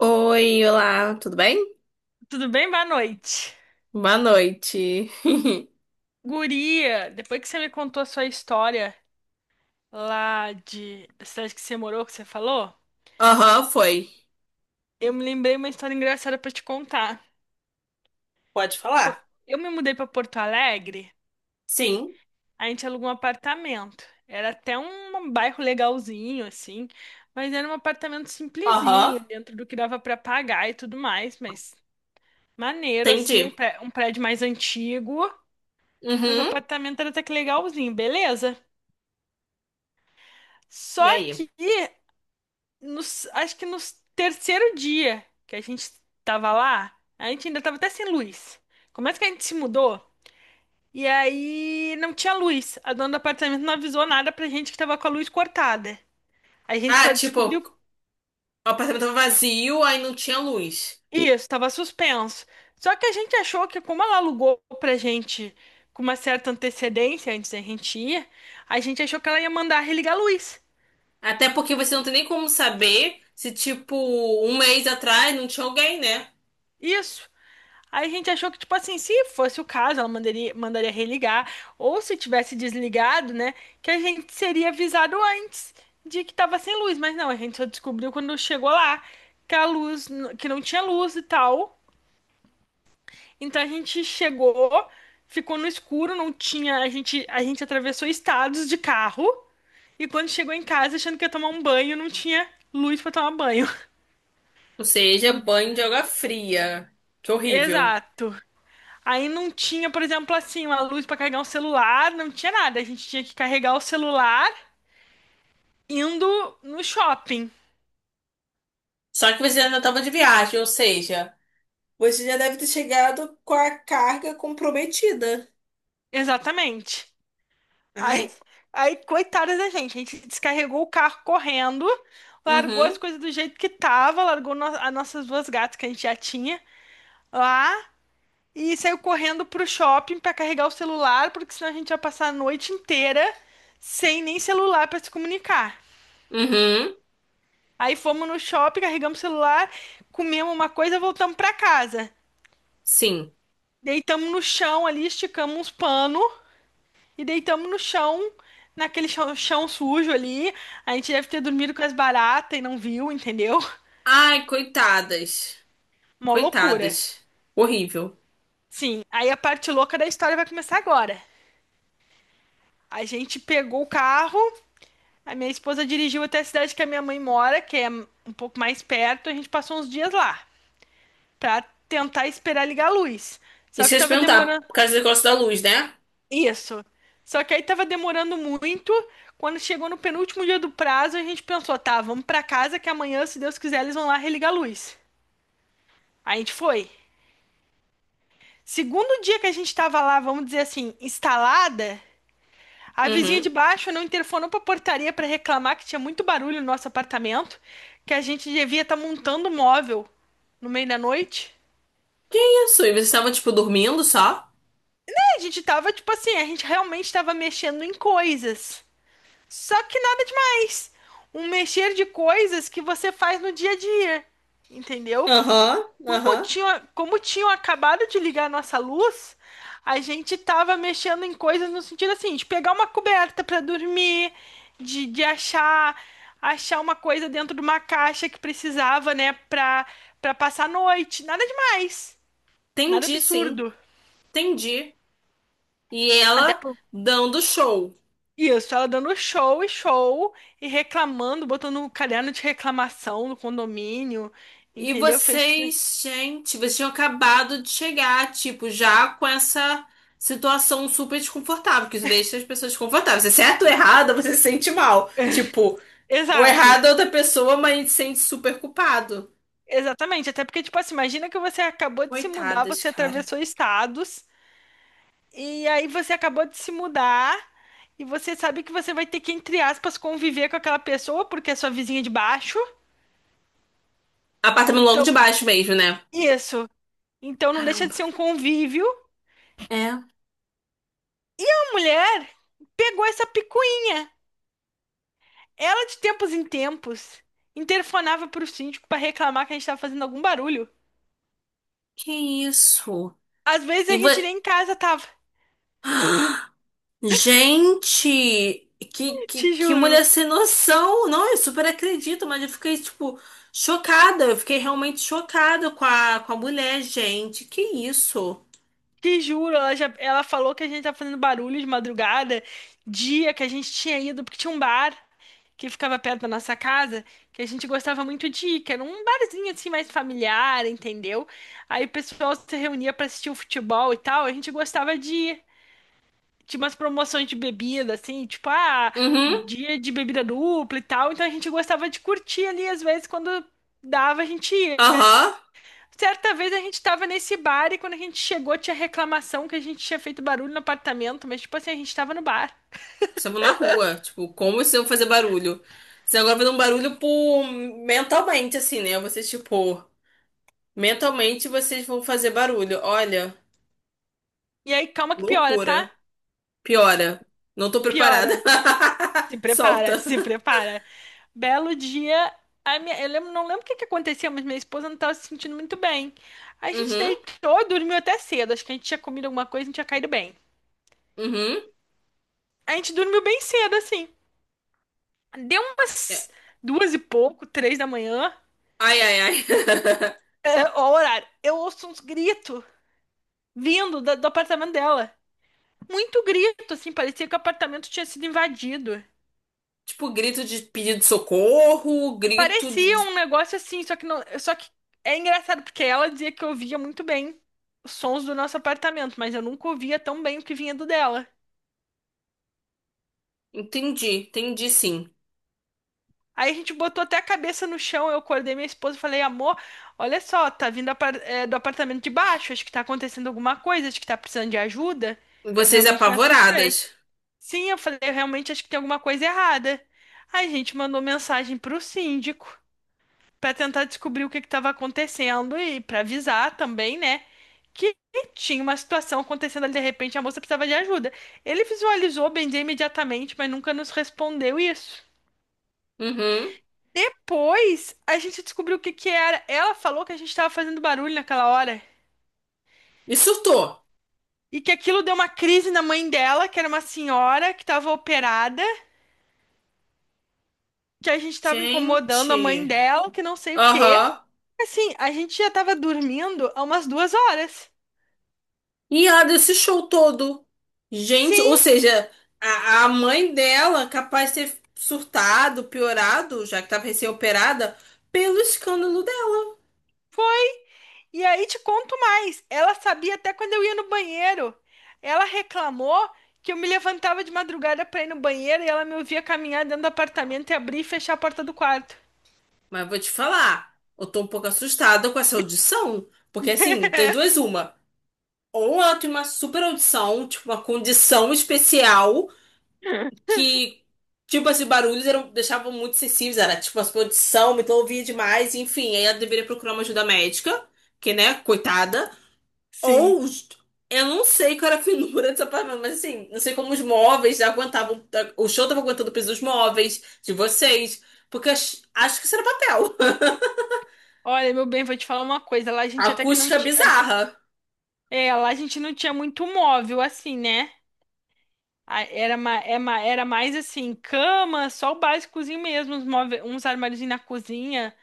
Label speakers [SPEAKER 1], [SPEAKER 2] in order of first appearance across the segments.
[SPEAKER 1] Oi, olá, tudo bem?
[SPEAKER 2] Tudo bem? Boa noite.
[SPEAKER 1] Boa noite.
[SPEAKER 2] Guria, depois que você me contou a sua história lá de da cidade que você morou, que você falou,
[SPEAKER 1] Aham, foi.
[SPEAKER 2] eu me lembrei uma história engraçada pra te contar.
[SPEAKER 1] Pode
[SPEAKER 2] Pô,
[SPEAKER 1] falar.
[SPEAKER 2] eu me mudei pra Porto Alegre,
[SPEAKER 1] Sim.
[SPEAKER 2] a gente alugou um apartamento. Era até um bairro legalzinho, assim, mas era um apartamento
[SPEAKER 1] Aham,
[SPEAKER 2] simplesinho, dentro do que dava pra pagar e tudo mais, mas maneiro, assim,
[SPEAKER 1] entendi.
[SPEAKER 2] um prédio mais antigo, mas o
[SPEAKER 1] Uhum.
[SPEAKER 2] apartamento era até que legalzinho, beleza?
[SPEAKER 1] E
[SPEAKER 2] Só
[SPEAKER 1] aí?
[SPEAKER 2] que acho que no terceiro dia que a gente tava lá, a gente ainda tava até sem luz. Como é que a gente se mudou? E aí não tinha luz. A dona do apartamento não avisou nada pra gente que tava com a luz cortada. A gente
[SPEAKER 1] Ah,
[SPEAKER 2] só
[SPEAKER 1] tipo, o
[SPEAKER 2] descobriu
[SPEAKER 1] apartamento tava vazio, aí não tinha luz.
[SPEAKER 2] isso, tava suspenso. Só que a gente achou que como ela alugou pra gente com uma certa antecedência antes da gente ir, a gente achou que ela ia mandar religar a luz.
[SPEAKER 1] Até porque você não tem nem como saber se, tipo, um mês atrás não tinha alguém, né?
[SPEAKER 2] Isso. Aí a gente achou que, tipo assim, se fosse o caso, ela mandaria religar, ou se tivesse desligado, né, que a gente seria avisado antes de que tava sem luz. Mas não, a gente só descobriu quando chegou lá que a luz, que não tinha luz e tal. Então a gente chegou, ficou no escuro, não tinha, a gente atravessou estados de carro e quando chegou em casa achando que ia tomar um banho, não tinha luz pra tomar banho.
[SPEAKER 1] Ou seja,
[SPEAKER 2] Não,
[SPEAKER 1] banho de água fria. Que horrível.
[SPEAKER 2] exato. Aí não tinha, por exemplo, assim, uma luz pra carregar um celular, não tinha nada. A gente tinha que carregar o celular indo no shopping.
[SPEAKER 1] Só que você ainda tava de viagem, ou seja, você já deve ter chegado com a carga comprometida.
[SPEAKER 2] Exatamente. Aí,
[SPEAKER 1] Ai.
[SPEAKER 2] aí, coitada da gente, a gente descarregou o carro correndo, largou as
[SPEAKER 1] Uhum.
[SPEAKER 2] coisas do jeito que tava, largou as nossas duas gatas que a gente já tinha lá e saiu correndo pro shopping pra carregar o celular, porque senão a gente ia passar a noite inteira sem nem celular pra se comunicar.
[SPEAKER 1] Uhum,
[SPEAKER 2] Aí fomos no shopping, carregamos o celular, comemos uma coisa, voltamos pra casa.
[SPEAKER 1] sim.
[SPEAKER 2] Deitamos no chão ali, esticamos uns panos e deitamos no chão, naquele chão, chão sujo ali. A gente deve ter dormido com as baratas e não viu, entendeu?
[SPEAKER 1] Ai, coitadas.
[SPEAKER 2] Mó loucura.
[SPEAKER 1] Coitadas. Horrível.
[SPEAKER 2] Sim, aí a parte louca da história vai começar agora. A gente pegou o carro, a minha esposa dirigiu até a cidade que a minha mãe mora, que é um pouco mais perto. A gente passou uns dias lá pra tentar esperar ligar a luz. Só
[SPEAKER 1] Isso que
[SPEAKER 2] que
[SPEAKER 1] eu ia te
[SPEAKER 2] tava
[SPEAKER 1] perguntar,
[SPEAKER 2] demorando.
[SPEAKER 1] por causa do negócio da luz, né?
[SPEAKER 2] Isso. Só que aí tava demorando muito. Quando chegou no penúltimo dia do prazo, a gente pensou, tá, vamos pra casa que amanhã, se Deus quiser, eles vão lá religar a luz. Aí a gente foi. Segundo dia que a gente tava lá, vamos dizer assim, instalada, a vizinha de
[SPEAKER 1] Uhum.
[SPEAKER 2] baixo não interfonou pra portaria pra reclamar que tinha muito barulho no nosso apartamento, que a gente devia estar montando um móvel no meio da noite.
[SPEAKER 1] Isso, e vocês estavam, tipo, dormindo só?
[SPEAKER 2] A gente tava, tipo assim, a gente realmente tava mexendo em coisas. Só que nada demais. Um mexer de coisas que você faz no dia a dia, entendeu?
[SPEAKER 1] Aham, aham.
[SPEAKER 2] Como tinham acabado de ligar a nossa luz, a gente tava mexendo em coisas no sentido assim, de pegar uma coberta para dormir, de achar uma coisa dentro de uma caixa que precisava, né, para para passar a noite. Nada demais. Nada
[SPEAKER 1] Entendi, sim.
[SPEAKER 2] absurdo.
[SPEAKER 1] Entendi. E
[SPEAKER 2] Até
[SPEAKER 1] ela
[SPEAKER 2] por
[SPEAKER 1] dando show.
[SPEAKER 2] Isso, ela dando show e show e reclamando, botando um caderno de reclamação no condomínio,
[SPEAKER 1] E
[SPEAKER 2] entendeu? Fez.
[SPEAKER 1] vocês, gente, vocês tinham acabado de chegar, tipo, já com essa situação super desconfortável, que isso deixa as pessoas desconfortáveis. Se é certo ou errado, você se sente mal. Tipo, o
[SPEAKER 2] Exato,
[SPEAKER 1] errado é outra pessoa, mas a gente se sente super culpado.
[SPEAKER 2] exatamente. Até porque, tipo assim, imagina que você acabou de se mudar,
[SPEAKER 1] Coitadas,
[SPEAKER 2] você
[SPEAKER 1] cara.
[SPEAKER 2] atravessou estados, e aí você acabou de se mudar, e você sabe que você vai ter que, entre aspas, conviver com aquela pessoa, porque é sua vizinha de baixo.
[SPEAKER 1] Apartamento logo de
[SPEAKER 2] Então,
[SPEAKER 1] baixo mesmo, né?
[SPEAKER 2] isso. Então não deixa
[SPEAKER 1] Caramba.
[SPEAKER 2] de ser um convívio.
[SPEAKER 1] É,
[SPEAKER 2] A mulher pegou essa picuinha. Ela, de tempos em tempos, interfonava pro síndico pra reclamar que a gente tava fazendo algum barulho.
[SPEAKER 1] que isso?
[SPEAKER 2] Às vezes a
[SPEAKER 1] E vo...
[SPEAKER 2] gente nem em casa tava.
[SPEAKER 1] Gente, que, que,
[SPEAKER 2] Te
[SPEAKER 1] que
[SPEAKER 2] juro.
[SPEAKER 1] mulher sem noção. Não, eu super acredito, mas eu fiquei, tipo, chocada. Eu fiquei realmente chocada com a mulher, gente. Que isso?
[SPEAKER 2] Te juro, ela falou que a gente tava fazendo barulho de madrugada, dia que a gente tinha ido, porque tinha um bar que ficava perto da nossa casa, que a gente gostava muito de ir, que era um barzinho assim mais familiar, entendeu? Aí o pessoal se reunia pra assistir o futebol e tal, a gente gostava de ir. Tinha umas promoções de bebida, assim, tipo, ah,
[SPEAKER 1] Uhum,
[SPEAKER 2] dia de bebida dupla e tal. Então a gente gostava de curtir ali, às vezes, quando dava, a gente ia.
[SPEAKER 1] aham.
[SPEAKER 2] Certa vez a gente tava nesse bar e quando a gente chegou tinha reclamação que a gente tinha feito barulho no apartamento, mas, tipo assim, a gente tava no bar.
[SPEAKER 1] Estavam na rua. Tipo, como vocês vão fazer barulho? Vocês agora vão dar um barulho por... mentalmente, assim, né? Vocês, tipo, mentalmente vocês vão fazer barulho. Olha,
[SPEAKER 2] E aí, calma que piora, tá?
[SPEAKER 1] loucura. Piora. Não tô preparada.
[SPEAKER 2] Piora. Se prepara,
[SPEAKER 1] Solta.
[SPEAKER 2] se prepara. Belo dia. A minha, não lembro o que que aconteceu, mas minha esposa não estava se sentindo muito bem. A gente
[SPEAKER 1] Uhum,
[SPEAKER 2] deitou, dormiu até cedo. Acho que a gente tinha comido alguma coisa, a gente tinha caído bem.
[SPEAKER 1] uhum.
[SPEAKER 2] A gente dormiu bem cedo, assim. Deu
[SPEAKER 1] É.
[SPEAKER 2] umas duas e pouco, 3 da manhã.
[SPEAKER 1] Ai, ai, ai.
[SPEAKER 2] É, ó, o horário. Eu ouço uns gritos vindo do apartamento dela. Muito grito, assim, parecia que o apartamento tinha sido invadido.
[SPEAKER 1] Tipo, grito de pedido de socorro,
[SPEAKER 2] É,
[SPEAKER 1] grito
[SPEAKER 2] parecia
[SPEAKER 1] de.
[SPEAKER 2] um negócio assim, só que não, só que é engraçado porque ela dizia que eu ouvia muito bem os sons do nosso apartamento, mas eu nunca ouvia tão bem o que vinha do dela.
[SPEAKER 1] Entendi, entendi sim.
[SPEAKER 2] Aí a gente botou até a cabeça no chão, eu acordei minha esposa e falei, amor, olha só, tá vindo do apartamento de baixo, acho que tá acontecendo alguma coisa, acho que tá precisando de ajuda. Eu
[SPEAKER 1] Vocês
[SPEAKER 2] realmente me assustei.
[SPEAKER 1] apavoradas.
[SPEAKER 2] Sim, eu falei, eu realmente acho que tem alguma coisa errada. Aí a gente mandou mensagem pro síndico pra tentar descobrir o que que tava acontecendo e pra avisar também, né, que tinha uma situação acontecendo ali de repente, a moça precisava de ajuda. Ele visualizou, bem dizer, imediatamente, mas nunca nos respondeu isso.
[SPEAKER 1] Uhum.
[SPEAKER 2] Pois a gente descobriu o que que era. Ela falou que a gente tava fazendo barulho naquela hora.
[SPEAKER 1] E surtou.
[SPEAKER 2] E que aquilo deu uma crise na mãe dela, que era uma senhora que tava operada, que a gente tava incomodando a mãe
[SPEAKER 1] Gente.
[SPEAKER 2] dela, que não sei o quê.
[SPEAKER 1] Aham.
[SPEAKER 2] Assim, a gente já tava dormindo há umas 2 horas.
[SPEAKER 1] E ela deu esse show todo. Gente, ou
[SPEAKER 2] Sim,
[SPEAKER 1] seja, a mãe dela capaz de ter surtado, piorado, já que estava recém-operada, pelo escândalo dela.
[SPEAKER 2] foi. E aí te conto mais. Ela sabia até quando eu ia no banheiro. Ela reclamou que eu me levantava de madrugada pra ir no banheiro e ela me ouvia caminhar dentro do apartamento e abrir e fechar a porta do quarto.
[SPEAKER 1] Mas vou te falar, eu tô um pouco assustada com essa audição. Porque assim, das duas, uma. Ou ela tem uma super audição, tipo, uma condição especial que, tipo, esses barulhos eram, deixavam muito sensíveis. Era tipo, a sua audição, me ouvia demais, enfim. Aí ela deveria procurar uma ajuda médica, que, né, coitada.
[SPEAKER 2] Sim.
[SPEAKER 1] Ou os- eu não sei qual era a finura desse apartamento, mas assim, não sei como os móveis aguentavam. O show tava aguentando o peso dos móveis de vocês. Porque ach- acho que isso era papel.
[SPEAKER 2] Olha, meu bem, vou te falar uma coisa. Lá a gente até que não
[SPEAKER 1] Acústica
[SPEAKER 2] tinha.
[SPEAKER 1] bizarra.
[SPEAKER 2] É, lá a gente não tinha muito móvel, assim, né? A- Era, ma- é ma- era mais assim, cama, só o básicozinho mesmo, uns, uns armáriozinhos na cozinha.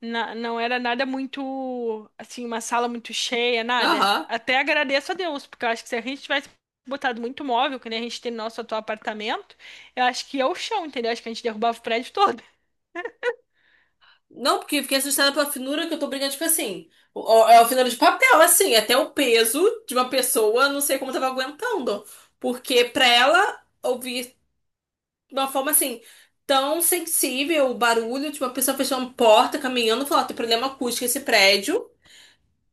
[SPEAKER 2] Não era nada muito, assim, uma sala muito cheia, nada.
[SPEAKER 1] Aham.
[SPEAKER 2] Até agradeço a Deus, porque eu acho que se a gente tivesse botado muito móvel, que nem a gente tem no nosso atual apartamento, eu acho que ia o chão, entendeu? Acho que a gente derrubava o prédio todo.
[SPEAKER 1] Não, porque fiquei assustada pela finura que eu tô brincando, tipo assim. É uma finura de papel, assim, até o peso de uma pessoa, não sei como tava aguentando. Porque pra ela ouvir de uma forma assim, tão sensível o barulho de uma pessoa fechando porta, caminhando, falar, tem problema acústico esse prédio.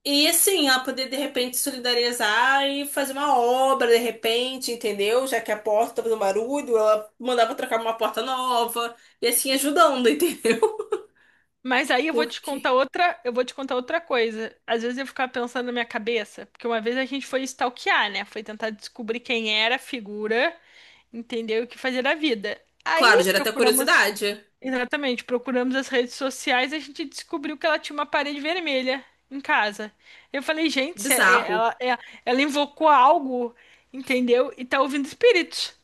[SPEAKER 1] E assim, ela poder de repente solidarizar e fazer uma obra de repente, entendeu? Já que a porta tá fazendo barulho, ela mandava trocar uma porta nova e assim ajudando, entendeu?
[SPEAKER 2] Mas aí eu vou te
[SPEAKER 1] Porque,
[SPEAKER 2] contar outra, eu vou te contar outra coisa. Às vezes eu ficava pensando na minha cabeça, porque uma vez a gente foi stalkear, né? Foi tentar descobrir quem era a figura, entender o que fazer da vida.
[SPEAKER 1] claro,
[SPEAKER 2] Aí
[SPEAKER 1] gera até
[SPEAKER 2] procuramos,
[SPEAKER 1] curiosidade. É
[SPEAKER 2] exatamente, procuramos as redes sociais, e a gente descobriu que ela tinha uma parede vermelha em casa. Eu falei, gente, se
[SPEAKER 1] bizarro.
[SPEAKER 2] ela invocou algo, entendeu? E tá ouvindo espíritos.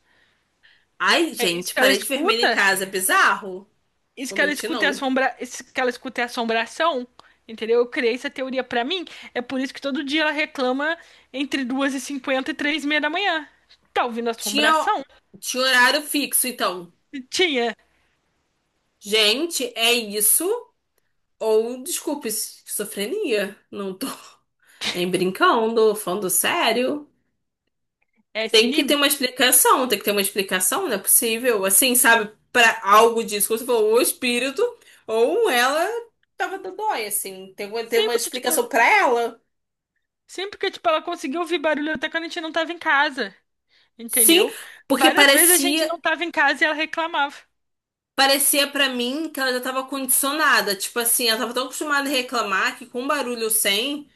[SPEAKER 1] Ai,
[SPEAKER 2] É isso
[SPEAKER 1] gente,
[SPEAKER 2] que ela
[SPEAKER 1] parede vermelha em
[SPEAKER 2] escuta?
[SPEAKER 1] casa, é bizarro. Vou mentir, não.
[SPEAKER 2] Isso que ela escuta é assombração, entendeu? Eu criei essa teoria pra mim. É por isso que todo dia ela reclama entre 2 e 53 h 30 da manhã. Tá ouvindo
[SPEAKER 1] Tinha,
[SPEAKER 2] assombração?
[SPEAKER 1] tinha horário fixo, então.
[SPEAKER 2] Tinha
[SPEAKER 1] Gente, é isso? Ou, desculpe, esquizofrenia. Não tô nem brincando, falando sério.
[SPEAKER 2] é esse
[SPEAKER 1] Tem que ter
[SPEAKER 2] nível?
[SPEAKER 1] uma explicação, tem que ter uma explicação, não é possível. Assim, sabe, para algo disso, como você falou, ou o espírito, ou ela tava dodói, assim. Tem que ter uma
[SPEAKER 2] Sempre que, tipo,
[SPEAKER 1] explicação para ela.
[SPEAKER 2] sempre que, tipo, ela conseguiu ouvir barulho até quando a gente não tava em casa,
[SPEAKER 1] Sim,
[SPEAKER 2] entendeu?
[SPEAKER 1] porque
[SPEAKER 2] Várias vezes a gente
[SPEAKER 1] parecia,
[SPEAKER 2] não tava em casa e ela reclamava.
[SPEAKER 1] parecia para mim que ela já tava condicionada. Tipo assim, ela tava tão acostumada a reclamar que com barulho sem.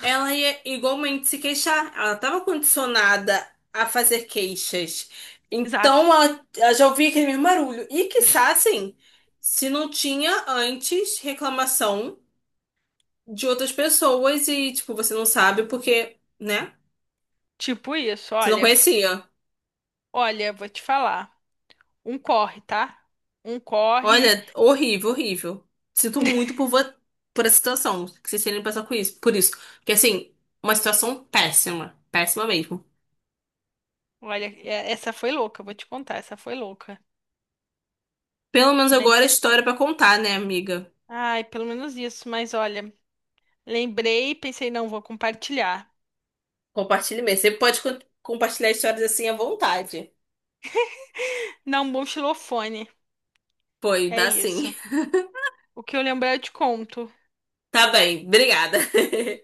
[SPEAKER 1] Ela ia igualmente se queixar. Ela estava condicionada a fazer queixas.
[SPEAKER 2] Exato.
[SPEAKER 1] Então ela já ouvia aquele mesmo barulho. E quiçá, assim, se não tinha antes reclamação de outras pessoas e, tipo, você não sabe porque, né?
[SPEAKER 2] Tipo isso,
[SPEAKER 1] Você não
[SPEAKER 2] olha,
[SPEAKER 1] conhecia.
[SPEAKER 2] olha, vou te falar. Um corre, tá? Um corre.
[SPEAKER 1] Olha, horrível, horrível. Sinto muito por essa situação. Que vocês terem que passar com isso. Por isso. Porque, assim, uma situação péssima. Péssima mesmo.
[SPEAKER 2] Olha, essa foi louca, vou te contar, essa foi louca.
[SPEAKER 1] Pelo menos agora é
[SPEAKER 2] Mas,
[SPEAKER 1] história pra contar, né, amiga?
[SPEAKER 2] ai, pelo menos isso. Mas olha, lembrei, pensei, não, vou compartilhar.
[SPEAKER 1] Compartilhe mesmo. Você pode compartilhar histórias assim à vontade.
[SPEAKER 2] Não, um bom xilofone.
[SPEAKER 1] Foi,
[SPEAKER 2] É
[SPEAKER 1] dá sim.
[SPEAKER 2] isso. O que eu lembrar, eu te conto.
[SPEAKER 1] Tá bem, obrigada.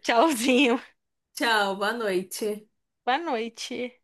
[SPEAKER 2] Tchauzinho.
[SPEAKER 1] Tchau, boa noite.
[SPEAKER 2] Boa noite.